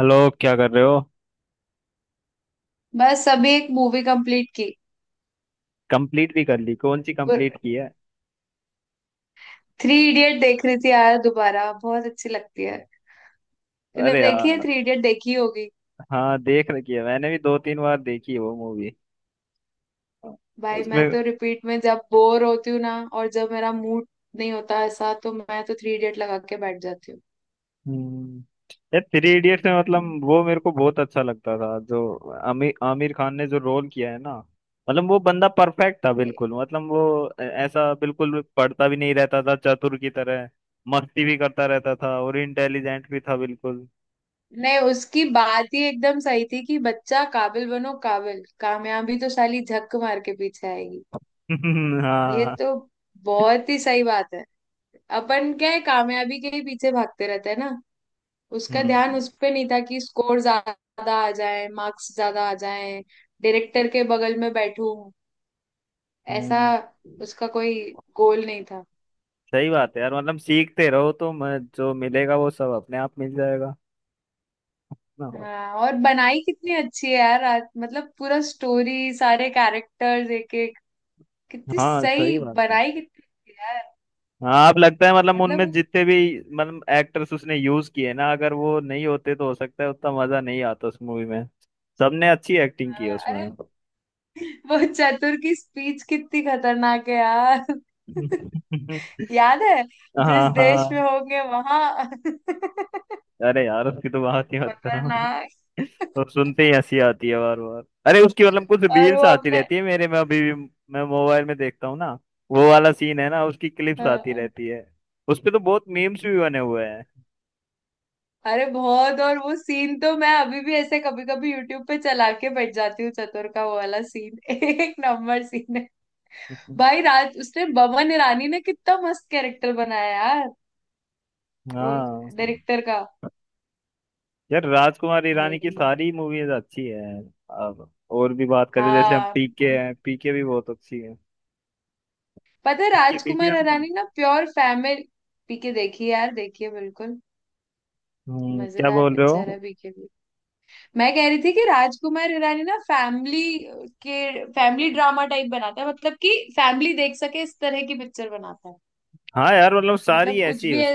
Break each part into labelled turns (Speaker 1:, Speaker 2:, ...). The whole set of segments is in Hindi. Speaker 1: हेलो। क्या कर रहे हो?
Speaker 2: बस अभी एक मूवी कंप्लीट की।
Speaker 1: कंप्लीट भी कर ली? कौन सी कंप्लीट की है?
Speaker 2: थ्री इडियट देख रही थी यार, दोबारा बहुत अच्छी लगती है। तूने
Speaker 1: अरे
Speaker 2: देखी है
Speaker 1: यार,
Speaker 2: थ्री इडियट, देखी होगी।
Speaker 1: हाँ, देख रखी है, मैंने भी दो तीन बार देखी है वो मूवी।
Speaker 2: भाई मैं
Speaker 1: उसमें।
Speaker 2: तो रिपीट में जब बोर होती हूँ ना और जब मेरा मूड नहीं होता ऐसा तो मैं तो थ्री इडियट लगा के बैठ जाती
Speaker 1: हम्म। यार, थ्री इडियट्स में मतलब
Speaker 2: हूँ।
Speaker 1: वो मेरे को बहुत अच्छा लगता था जो आमिर आमिर खान ने जो रोल किया है ना। मतलब वो बंदा परफेक्ट था बिल्कुल, मतलब वो ऐसा बिल्कुल पढ़ता भी नहीं रहता था चतुर की तरह। मस्ती भी करता रहता था और इंटेलिजेंट भी था बिल्कुल।
Speaker 2: नहीं उसकी बात ही एकदम सही थी कि बच्चा काबिल बनो, काबिल कामयाबी तो साली झक मार के पीछे आएगी। ये
Speaker 1: हाँ।
Speaker 2: तो बहुत ही सही बात है। अपन क्या है, कामयाबी के ही पीछे भागते रहते हैं ना। उसका ध्यान
Speaker 1: हम्म।
Speaker 2: उस पे नहीं था कि स्कोर ज्यादा आ जाए, मार्क्स ज्यादा आ जाए, डायरेक्टर के बगल में बैठूं, ऐसा।
Speaker 1: हम्म।
Speaker 2: उसका कोई गोल नहीं था।
Speaker 1: सही बात है यार, मतलब सीखते रहो तो मैं जो मिलेगा वो सब अपने आप मिल जाएगा ना।
Speaker 2: हाँ, और बनाई कितनी अच्छी है यार। मतलब पूरा स्टोरी, सारे कैरेक्टर्स एक एक कितनी
Speaker 1: हाँ, सही
Speaker 2: सही
Speaker 1: बात है।
Speaker 2: बनाई, कितनी अच्छी है यार।
Speaker 1: हाँ, आप लगता है मतलब
Speaker 2: मतलब
Speaker 1: उनमें
Speaker 2: वो-
Speaker 1: जितने भी मतलब एक्टर्स उसने यूज किए ना, अगर वो नहीं होते तो हो सकता है उतना मजा नहीं आता उस मूवी में। सबने अच्छी एक्टिंग की है
Speaker 2: हाँ,
Speaker 1: उसमें।
Speaker 2: अरे, वो चतुर की स्पीच कितनी खतरनाक है यार। याद है,
Speaker 1: हाँ,
Speaker 2: जिस देश
Speaker 1: हाँ।
Speaker 2: में होंगे वहां।
Speaker 1: अरे यार, उसकी तो बात ही मत करो।
Speaker 2: खतरनाक।
Speaker 1: और सुनते ही हंसी आती है बार बार। अरे, उसकी मतलब कुछ
Speaker 2: और वो
Speaker 1: रील्स आती
Speaker 2: अपने।
Speaker 1: रहती है मेरे में अभी भी। मैं मोबाइल में देखता हूँ ना, वो वाला सीन है ना, उसकी क्लिप्स आती
Speaker 2: हाँ,
Speaker 1: रहती है। उस पे तो बहुत मीम्स भी बने हुए हैं।
Speaker 2: अरे बहुत। और वो सीन तो मैं अभी भी ऐसे कभी कभी यूट्यूब पे चला के बैठ जाती हूँ, चतुर का वो वाला सीन एक नंबर सीन है। भाई, राज उसने, बमन ईरानी ने कितना मस्त कैरेक्टर बनाया यार। वो
Speaker 1: हाँ।
Speaker 2: डायरेक्टर का।
Speaker 1: यार, राजकुमार ईरानी की
Speaker 2: भाई
Speaker 1: सारी मूवीज अच्छी है। अब और भी बात करें, जैसे हम
Speaker 2: हाँ,
Speaker 1: पीके हैं, पीके भी बहुत अच्छी है।
Speaker 2: पता है
Speaker 1: पीके देखी
Speaker 2: राजकुमार
Speaker 1: आपने?
Speaker 2: हिरानी ना प्योर फैमिली। पीके देखिए यार, देखिए बिल्कुल
Speaker 1: क्या
Speaker 2: मजेदार
Speaker 1: बोल रहे
Speaker 2: पिक्चर
Speaker 1: हो?
Speaker 2: है पीके। मैं कह रही थी कि राजकुमार हिरानी ना फैमिली के फैमिली ड्रामा टाइप बनाता है, मतलब कि फैमिली देख सके इस तरह की पिक्चर बनाता है।
Speaker 1: हाँ यार, मतलब सारी
Speaker 2: मतलब कुछ
Speaker 1: ऐसी
Speaker 2: भी
Speaker 1: है।
Speaker 2: है।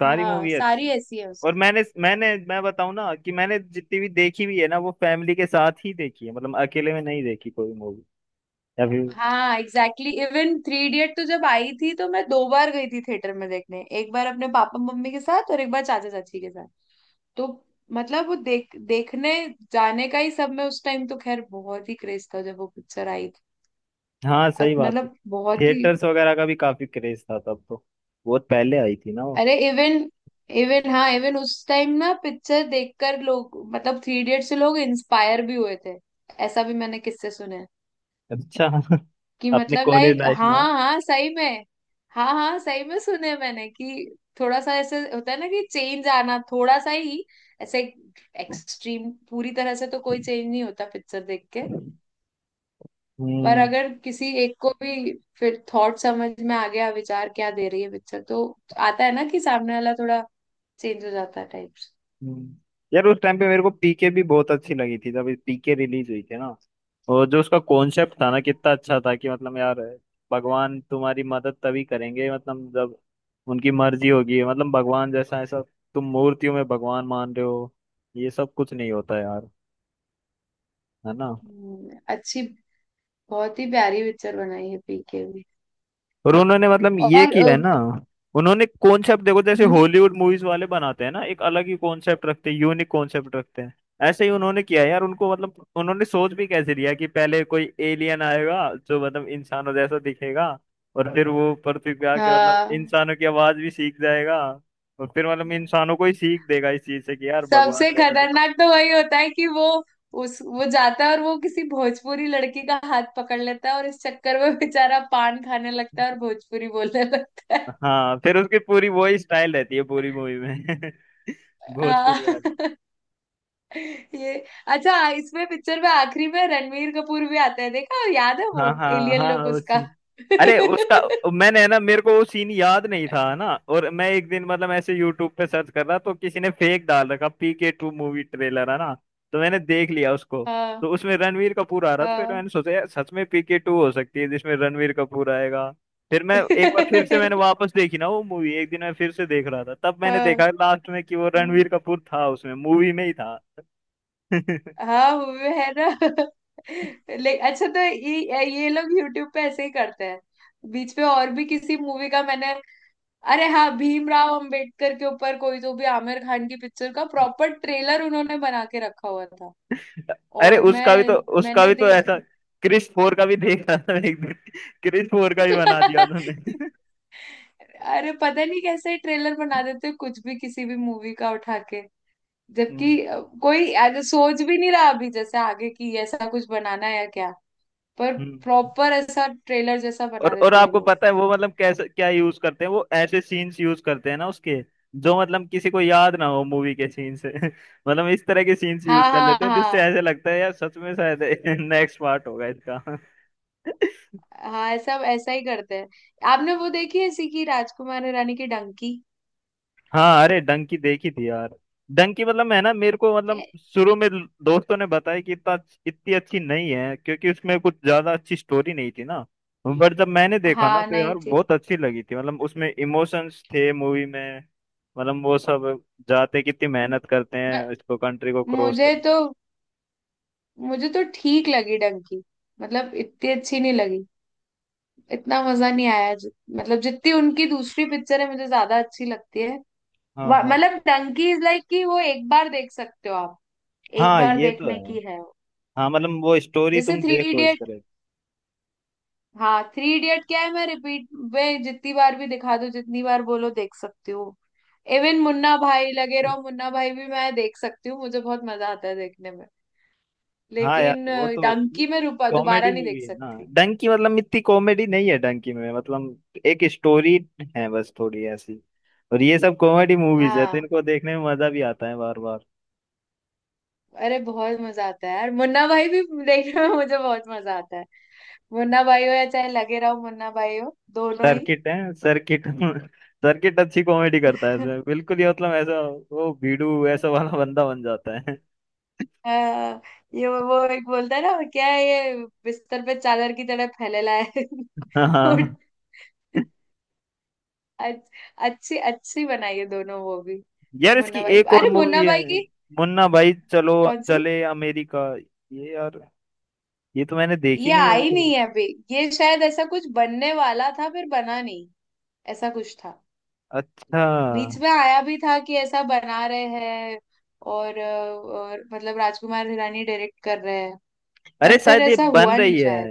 Speaker 1: सारी
Speaker 2: हाँ,
Speaker 1: मूवी
Speaker 2: सारी
Speaker 1: अच्छी।
Speaker 2: ऐसी है
Speaker 1: और
Speaker 2: उसकी।
Speaker 1: मैंने मैंने मैं बताऊं ना, कि मैंने जितनी भी देखी भी है ना, वो फैमिली के साथ ही देखी है। मतलब अकेले में नहीं देखी कोई मूवी। या फिर
Speaker 2: हाँ एग्जैक्टली, इवन थ्री इडियट तो जब आई थी तो मैं 2 बार गई थी थिएटर में देखने, एक बार अपने पापा मम्मी के साथ और एक बार चाचा चाची के साथ। तो मतलब वो देख देखने जाने का ही सब में उस टाइम तो खैर बहुत ही क्रेज था जब वो पिक्चर आई थी।
Speaker 1: हाँ, सही बात है।
Speaker 2: मतलब बहुत ही।
Speaker 1: थिएटर्स वगैरह का भी काफी क्रेज था तब तो, बहुत पहले आई थी ना वो।
Speaker 2: अरे इवन, हाँ, इवन उस टाइम ना पिक्चर देखकर लोग, मतलब थ्री इडियट से लोग इंस्पायर भी हुए थे। ऐसा भी मैंने किससे सुने हैं।
Speaker 1: अच्छा।
Speaker 2: कि
Speaker 1: अपने
Speaker 2: मतलब
Speaker 1: कॉलेज
Speaker 2: लाइक
Speaker 1: लाइफ में।
Speaker 2: हाँ हाँ, सही में। हाँ हाँ, सही में सुने हैं मैंने कि थोड़ा सा ऐसे होता है ना कि चेंज आना थोड़ा सा ही, ऐसे। एक्सट्रीम पूरी तरह से तो कोई चेंज नहीं होता पिक्चर देख के। पर
Speaker 1: हम्म।
Speaker 2: अगर किसी एक को भी फिर थॉट समझ में आ गया, विचार क्या दे रही है पिक्चर, तो आता है ना कि सामने वाला थोड़ा चेंज हो जाता है टाइप्स।
Speaker 1: हम्म। यार, उस टाइम पे मेरे को पीके भी बहुत अच्छी लगी थी जब पीके रिलीज हुई थी ना। और जो उसका कॉन्सेप्ट था ना, कितना अच्छा था कि मतलब यार, भगवान तुम्हारी मदद तभी करेंगे मतलब जब उनकी मर्जी होगी। मतलब भगवान जैसा ऐसा, तुम मूर्तियों में भगवान मान रहे हो, ये सब कुछ नहीं होता यार। है ना?
Speaker 2: अच्छी। बहुत ही प्यारी पिक्चर बनाई है पीके भी।
Speaker 1: और उन्होंने मतलब ये
Speaker 2: और
Speaker 1: किया है ना, उन्होंने कॉन्सेप्ट देखो जैसे
Speaker 2: हम्म,
Speaker 1: हॉलीवुड मूवीज वाले बनाते हैं ना, एक अलग ही कॉन्सेप्ट रखते हैं, यूनिक कॉन्सेप्ट रखते हैं। ऐसे ही उन्होंने किया है यार, उनको मतलब उन्होंने सोच भी कैसे लिया कि पहले कोई एलियन आएगा जो मतलब इंसानों जैसा दिखेगा। और फिर वो पृथ्वी पे आके मतलब
Speaker 2: हाँ,
Speaker 1: इंसानों की आवाज भी सीख जाएगा। और फिर मतलब इंसानों को ही सीख देगा इस चीज से कि यार भगवान
Speaker 2: सबसे
Speaker 1: वगैरह कुछ।
Speaker 2: खतरनाक तो वही होता है कि वो उस वो जाता है और वो किसी भोजपुरी लड़की का हाथ पकड़ लेता है और इस चक्कर में बेचारा पान खाने लगता है और भोजपुरी बोलने लगता है।
Speaker 1: हाँ, फिर उसकी पूरी वही स्टाइल रहती है पूरी मूवी में।
Speaker 2: हाँ।
Speaker 1: भोजपुरी।
Speaker 2: ये अच्छा, इसमें पिक्चर में आखिरी में रणवीर कपूर भी आता है, देखा, याद है
Speaker 1: हाँ
Speaker 2: वो
Speaker 1: हाँ
Speaker 2: एलियन
Speaker 1: हाँ,
Speaker 2: लुक
Speaker 1: वो
Speaker 2: उसका।
Speaker 1: सीन। अरे उसका, मैंने है ना मेरे को वो सीन याद नहीं था ना, और मैं एक दिन मतलब ऐसे यूट्यूब पे सर्च कर रहा, तो किसी ने फेक डाल रखा पी के 2 मूवी ट्रेलर है ना, तो मैंने देख लिया उसको।
Speaker 2: हाँ
Speaker 1: तो उसमें रणवीर कपूर आ रहा था, फिर
Speaker 2: हाँ।
Speaker 1: मैंने सोचा यार सच में पी के 2 हो सकती है जिसमें रणवीर कपूर आएगा। फिर मैं एक बार फिर से मैंने वापस देखी ना वो मूवी, एक दिन मैं फिर से देख रहा था, तब मैंने
Speaker 2: हाँ
Speaker 1: देखा लास्ट में कि वो रणवीर
Speaker 2: हाँ।
Speaker 1: कपूर था, उसमें मूवी में ही था।
Speaker 2: हाँ हुए है ना। ले अच्छा, तो ये लोग यूट्यूब पे ऐसे ही करते हैं। बीच पे और भी किसी मूवी का मैंने, अरे हाँ, भीमराव अंबेडकर के ऊपर कोई तो भी आमिर खान की पिक्चर का प्रॉपर ट्रेलर उन्होंने बना के रखा हुआ था।
Speaker 1: अरे,
Speaker 2: और
Speaker 1: उसका भी तो उसका
Speaker 2: मैंने
Speaker 1: भी तो ऐसा
Speaker 2: देखा।
Speaker 1: क्रिस 4 का भी देखा था मैंने एक दिन, क्रिस 4 का भी बना दिया उन्होंने।
Speaker 2: अरे, पता नहीं कैसे ट्रेलर बना देते हैं, कुछ भी किसी भी मूवी का उठा के।
Speaker 1: हम्म।
Speaker 2: जबकि कोई आगे सोच भी नहीं रहा अभी जैसे आगे की ऐसा कुछ बनाना है या क्या। पर
Speaker 1: हम्म।
Speaker 2: प्रॉपर ऐसा ट्रेलर जैसा बना
Speaker 1: और
Speaker 2: देते हैं ये
Speaker 1: आपको
Speaker 2: लोग।
Speaker 1: पता है वो मतलब कैसे क्या यूज करते हैं? वो ऐसे सीन्स यूज करते हैं ना उसके, जो मतलब किसी को याद ना हो मूवी के सीन से। मतलब इस तरह के सीन्स
Speaker 2: हाँ
Speaker 1: यूज कर
Speaker 2: हाँ
Speaker 1: लेते हैं जिससे
Speaker 2: हाँ।
Speaker 1: ऐसे लगता है यार सच में शायद नेक्स्ट पार्ट होगा इसका।
Speaker 2: हाँ, ऐसा ऐसा ही करते हैं। आपने वो देखी है, सीखी राजकुमार हिरानी की डंकी
Speaker 1: हाँ। अरे, डंकी देखी थी यार। डंकी मतलब है ना, मेरे को मतलब
Speaker 2: के।
Speaker 1: शुरू में दोस्तों ने बताया कि इतना इतनी अच्छी नहीं है, क्योंकि उसमें कुछ ज्यादा अच्छी स्टोरी नहीं थी ना। बट जब मैंने देखा ना
Speaker 2: हाँ
Speaker 1: तो
Speaker 2: नहीं
Speaker 1: यार
Speaker 2: थी।
Speaker 1: बहुत अच्छी लगी थी, मतलब उसमें इमोशंस थे मूवी में। मतलब वो सब जाते कितनी मेहनत करते
Speaker 2: म-
Speaker 1: हैं इसको, कंट्री को क्रॉस
Speaker 2: मुझे
Speaker 1: करने।
Speaker 2: तो मुझे तो ठीक लगी डंकी। मतलब इतनी अच्छी नहीं लगी। इतना मजा नहीं आया, मतलब जितनी उनकी दूसरी पिक्चर है मुझे ज्यादा अच्छी लगती है।
Speaker 1: हाँ हाँ
Speaker 2: मतलब डंकी इज लाइक, कि वो एक बार देख सकते हो आप। एक
Speaker 1: हाँ,
Speaker 2: बार
Speaker 1: ये तो
Speaker 2: देखने
Speaker 1: है।
Speaker 2: की है वो।
Speaker 1: हाँ, मतलब वो स्टोरी
Speaker 2: जैसे
Speaker 1: तुम
Speaker 2: थ्री
Speaker 1: देखो इस तरह।
Speaker 2: हाँ, थ्री इडियट क्या है, मैं रिपीट में जितनी बार भी दिखा दूँ, जितनी बार बोलो देख सकती हूँ। इवन मुन्ना भाई, लगे रहो मुन्ना भाई भी मैं देख सकती हूँ, मुझे बहुत मजा आता है देखने में।
Speaker 1: हाँ यार,
Speaker 2: लेकिन
Speaker 1: वो तो
Speaker 2: डंकी में रूपा दोबारा
Speaker 1: कॉमेडी
Speaker 2: नहीं
Speaker 1: मूवी
Speaker 2: देख
Speaker 1: है ना।
Speaker 2: सकती।
Speaker 1: डंकी मतलब इतनी कॉमेडी नहीं है, डंकी में मतलब एक स्टोरी है बस थोड़ी ऐसी। और ये सब कॉमेडी मूवीज है तो
Speaker 2: हाँ,
Speaker 1: इनको देखने में मजा भी आता है बार बार।
Speaker 2: अरे, बहुत मजा आता है यार मुन्ना भाई भी देखने में, मुझे बहुत मजा आता है। मुन्ना भाई हो या चाहे लगे रहो मुन्ना भाई हो, दोनों ही।
Speaker 1: सर्किट है सर्किट। सर्किट अच्छी कॉमेडी करता है इसमें, बिल्कुल ये मतलब ऐसा वो भीड़ू ऐसा वाला बंदा बन जाता है।
Speaker 2: आ, ये वो एक बोलता है ना, क्या है ये, बिस्तर पे चादर की तरह फैलेला है। उठ।
Speaker 1: हाँ,
Speaker 2: अच्छ- अच्छी अच्छी बनाई है दोनों, वो भी।
Speaker 1: यार इसकी
Speaker 2: मुन्ना भाई,
Speaker 1: एक और
Speaker 2: अरे
Speaker 1: मूवी
Speaker 2: मुन्ना
Speaker 1: है,
Speaker 2: भाई की
Speaker 1: मुन्ना भाई चलो
Speaker 2: कौन सी।
Speaker 1: चले अमेरिका, ये यार ये तो मैंने देखी
Speaker 2: ये
Speaker 1: नहीं अभी
Speaker 2: आई
Speaker 1: तक।
Speaker 2: नहीं है अभी। ये शायद ऐसा कुछ बनने वाला था, फिर बना नहीं। ऐसा कुछ था।
Speaker 1: अच्छा।
Speaker 2: बीच में आया भी था कि ऐसा बना रहे हैं। और, अ, और मतलब राजकुमार हिरानी डायरेक्ट कर रहे हैं। पर
Speaker 1: अरे
Speaker 2: फिर
Speaker 1: शायद ये
Speaker 2: ऐसा
Speaker 1: बन
Speaker 2: हुआ नहीं
Speaker 1: रही है,
Speaker 2: शायद।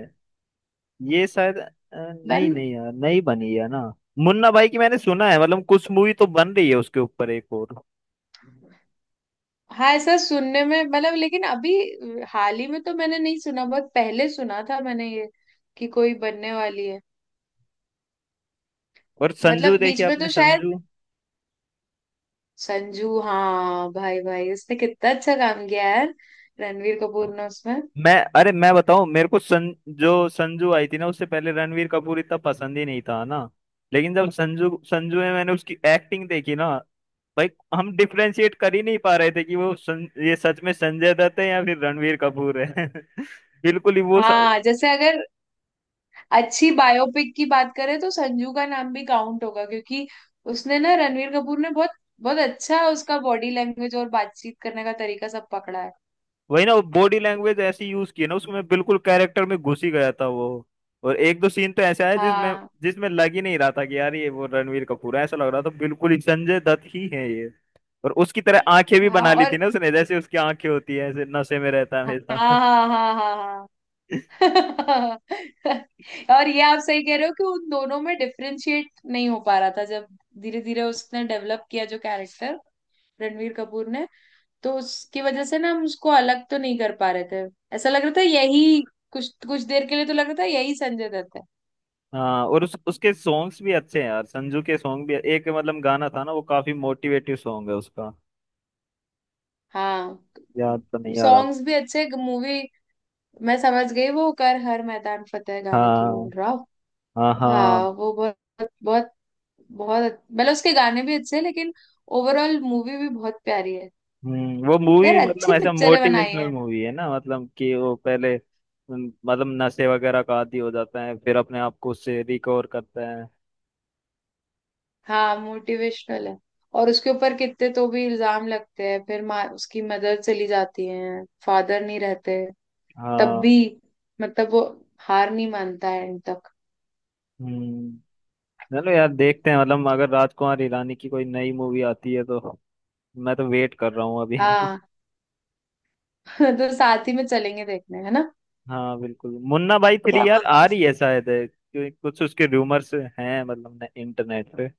Speaker 1: ये शायद नहीं
Speaker 2: बन
Speaker 1: नहीं यार, नहीं बनी है ना। मुन्ना भाई की मैंने सुना है मतलब कुछ मूवी तो बन रही है उसके ऊपर एक और।
Speaker 2: हाँ, ऐसा सुनने में, मतलब लेकिन अभी हाल ही में तो मैंने नहीं सुना, बहुत पहले सुना था मैंने ये कि कोई बनने वाली है।
Speaker 1: और संजू
Speaker 2: मतलब बीच
Speaker 1: देखिए
Speaker 2: में
Speaker 1: आपने,
Speaker 2: तो शायद।
Speaker 1: संजू?
Speaker 2: संजू, हाँ भाई भाई उसने कितना अच्छा काम किया है यार, रणवीर कपूर ने उसमें।
Speaker 1: मैं, अरे मैं बताऊं, मेरे को जो संजू आई थी ना उससे पहले रणवीर कपूर इतना पसंद ही नहीं था ना। लेकिन जब संजू संजू में मैंने उसकी एक्टिंग देखी ना। भाई, हम डिफ्रेंशिएट कर ही नहीं पा रहे थे कि वो ये सच में संजय दत्त है या फिर रणवीर कपूर है। बिल्कुल ही वो
Speaker 2: हाँ, जैसे अगर अच्छी बायोपिक की बात करें तो संजू का नाम भी काउंट होगा, क्योंकि उसने ना रणवीर कपूर ने बहुत बहुत अच्छा उसका बॉडी लैंग्वेज और बातचीत करने का तरीका सब पकड़ा है।
Speaker 1: वही ना, वो बॉडी लैंग्वेज ऐसी यूज की है ना उसमें, मैं बिल्कुल कैरेक्टर में घुस ही गया था वो। और एक दो सीन तो ऐसे आए जिसमें
Speaker 2: हाँ
Speaker 1: जिसमें लग ही नहीं रहा था कि यार ये वो रणवीर कपूर है, ऐसा लग रहा था बिल्कुल ही संजय दत्त ही है ये। और उसकी तरह आंखें भी
Speaker 2: हाँ।
Speaker 1: बना ली थी
Speaker 2: और
Speaker 1: ना उसने, जैसे उसकी आंखें होती है ऐसे नशे में रहता है
Speaker 2: हाँ
Speaker 1: हमेशा।
Speaker 2: हाँ हाँ। हाँ हाँ। और ये आप सही कह रहे हो कि उन दोनों में डिफरेंशिएट नहीं हो पा रहा था, जब धीरे धीरे उसने डेवलप किया जो कैरेक्टर, रणवीर कपूर ने, तो उसकी वजह से ना हम उसको अलग तो नहीं कर पा रहे थे, ऐसा लग रहा था यही, कुछ कुछ देर के लिए तो लग रहा था यही संजय दत्त है।
Speaker 1: हाँ, और उसके सॉन्ग्स भी अच्छे हैं यार, संजू के सॉन्ग भी एक मतलब गाना था ना, वो काफी मोटिवेटिव सॉन्ग है उसका।
Speaker 2: हाँ,
Speaker 1: याद तो नहीं आ रहा।
Speaker 2: सॉन्ग्स भी अच्छे मूवी। मैं समझ गई, वो कर हर मैदान फतेह गाने की बोल
Speaker 1: हाँ
Speaker 2: रहा हूँ।
Speaker 1: हाँ
Speaker 2: हाँ,
Speaker 1: हाँ।
Speaker 2: वो बहुत बहुत बहुत, मतलब उसके गाने भी अच्छे हैं लेकिन ओवरऑल मूवी भी बहुत प्यारी है।
Speaker 1: वो
Speaker 2: यार
Speaker 1: मूवी मतलब
Speaker 2: अच्छी
Speaker 1: ऐसा
Speaker 2: पिक्चरें बनाई
Speaker 1: मोटिवेशनल
Speaker 2: है।
Speaker 1: मूवी है ना, मतलब कि वो पहले मतलब नशे वगैरह का आदी हो जाता है फिर अपने आप को उससे रिकवर करता है।
Speaker 2: हाँ मोटिवेशनल है। और उसके ऊपर कितने तो भी इल्जाम लगते हैं, फिर माँ, उसकी मदर चली जाती है, फादर नहीं रहते। तब भी
Speaker 1: हाँ।
Speaker 2: मतलब वो हार नहीं मानता है एंड तक।
Speaker 1: हम्म। चलो यार देखते हैं, मतलब अगर राजकुमार हिरानी की कोई नई मूवी आती है तो। मैं तो वेट कर रहा हूँ अभी।
Speaker 2: हाँ, तो साथ ही में चलेंगे देखने, है ना।
Speaker 1: हाँ बिल्कुल, मुन्ना भाई
Speaker 2: क्या
Speaker 1: 3 यार आ
Speaker 2: बोलते हो?
Speaker 1: रही है शायद, है, क्योंकि कुछ उसके रूमर्स हैं मतलब इंटरनेट पे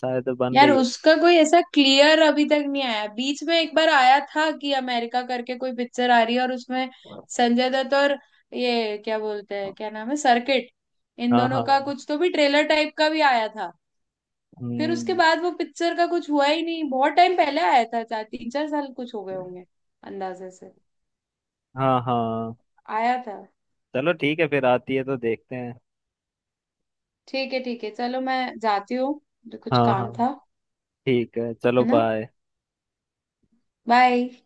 Speaker 1: शायद बन
Speaker 2: यार,
Speaker 1: रही हो।
Speaker 2: उसका कोई ऐसा क्लियर अभी तक नहीं आया, बीच में एक बार आया था कि अमेरिका करके कोई पिक्चर आ रही है और उसमें संजय दत्त और ये क्या बोलते हैं, क्या नाम है, सर्किट, इन
Speaker 1: हाँ
Speaker 2: दोनों का
Speaker 1: हाँ।
Speaker 2: कुछ तो भी ट्रेलर टाइप का भी आया था। फिर उसके
Speaker 1: हम्म।
Speaker 2: बाद वो पिक्चर का कुछ हुआ ही नहीं, बहुत टाइम पहले आया था, 4 3 4 साल कुछ हो गए होंगे अंदाजे से
Speaker 1: हाँ हाँ।
Speaker 2: आया था।
Speaker 1: चलो ठीक है, फिर आती है तो देखते हैं।
Speaker 2: ठीक है ठीक है, चलो मैं जाती हूँ, मुझे कुछ
Speaker 1: हाँ हाँ
Speaker 2: काम था,
Speaker 1: ठीक है, चलो
Speaker 2: है ना।
Speaker 1: बाय।
Speaker 2: बाय।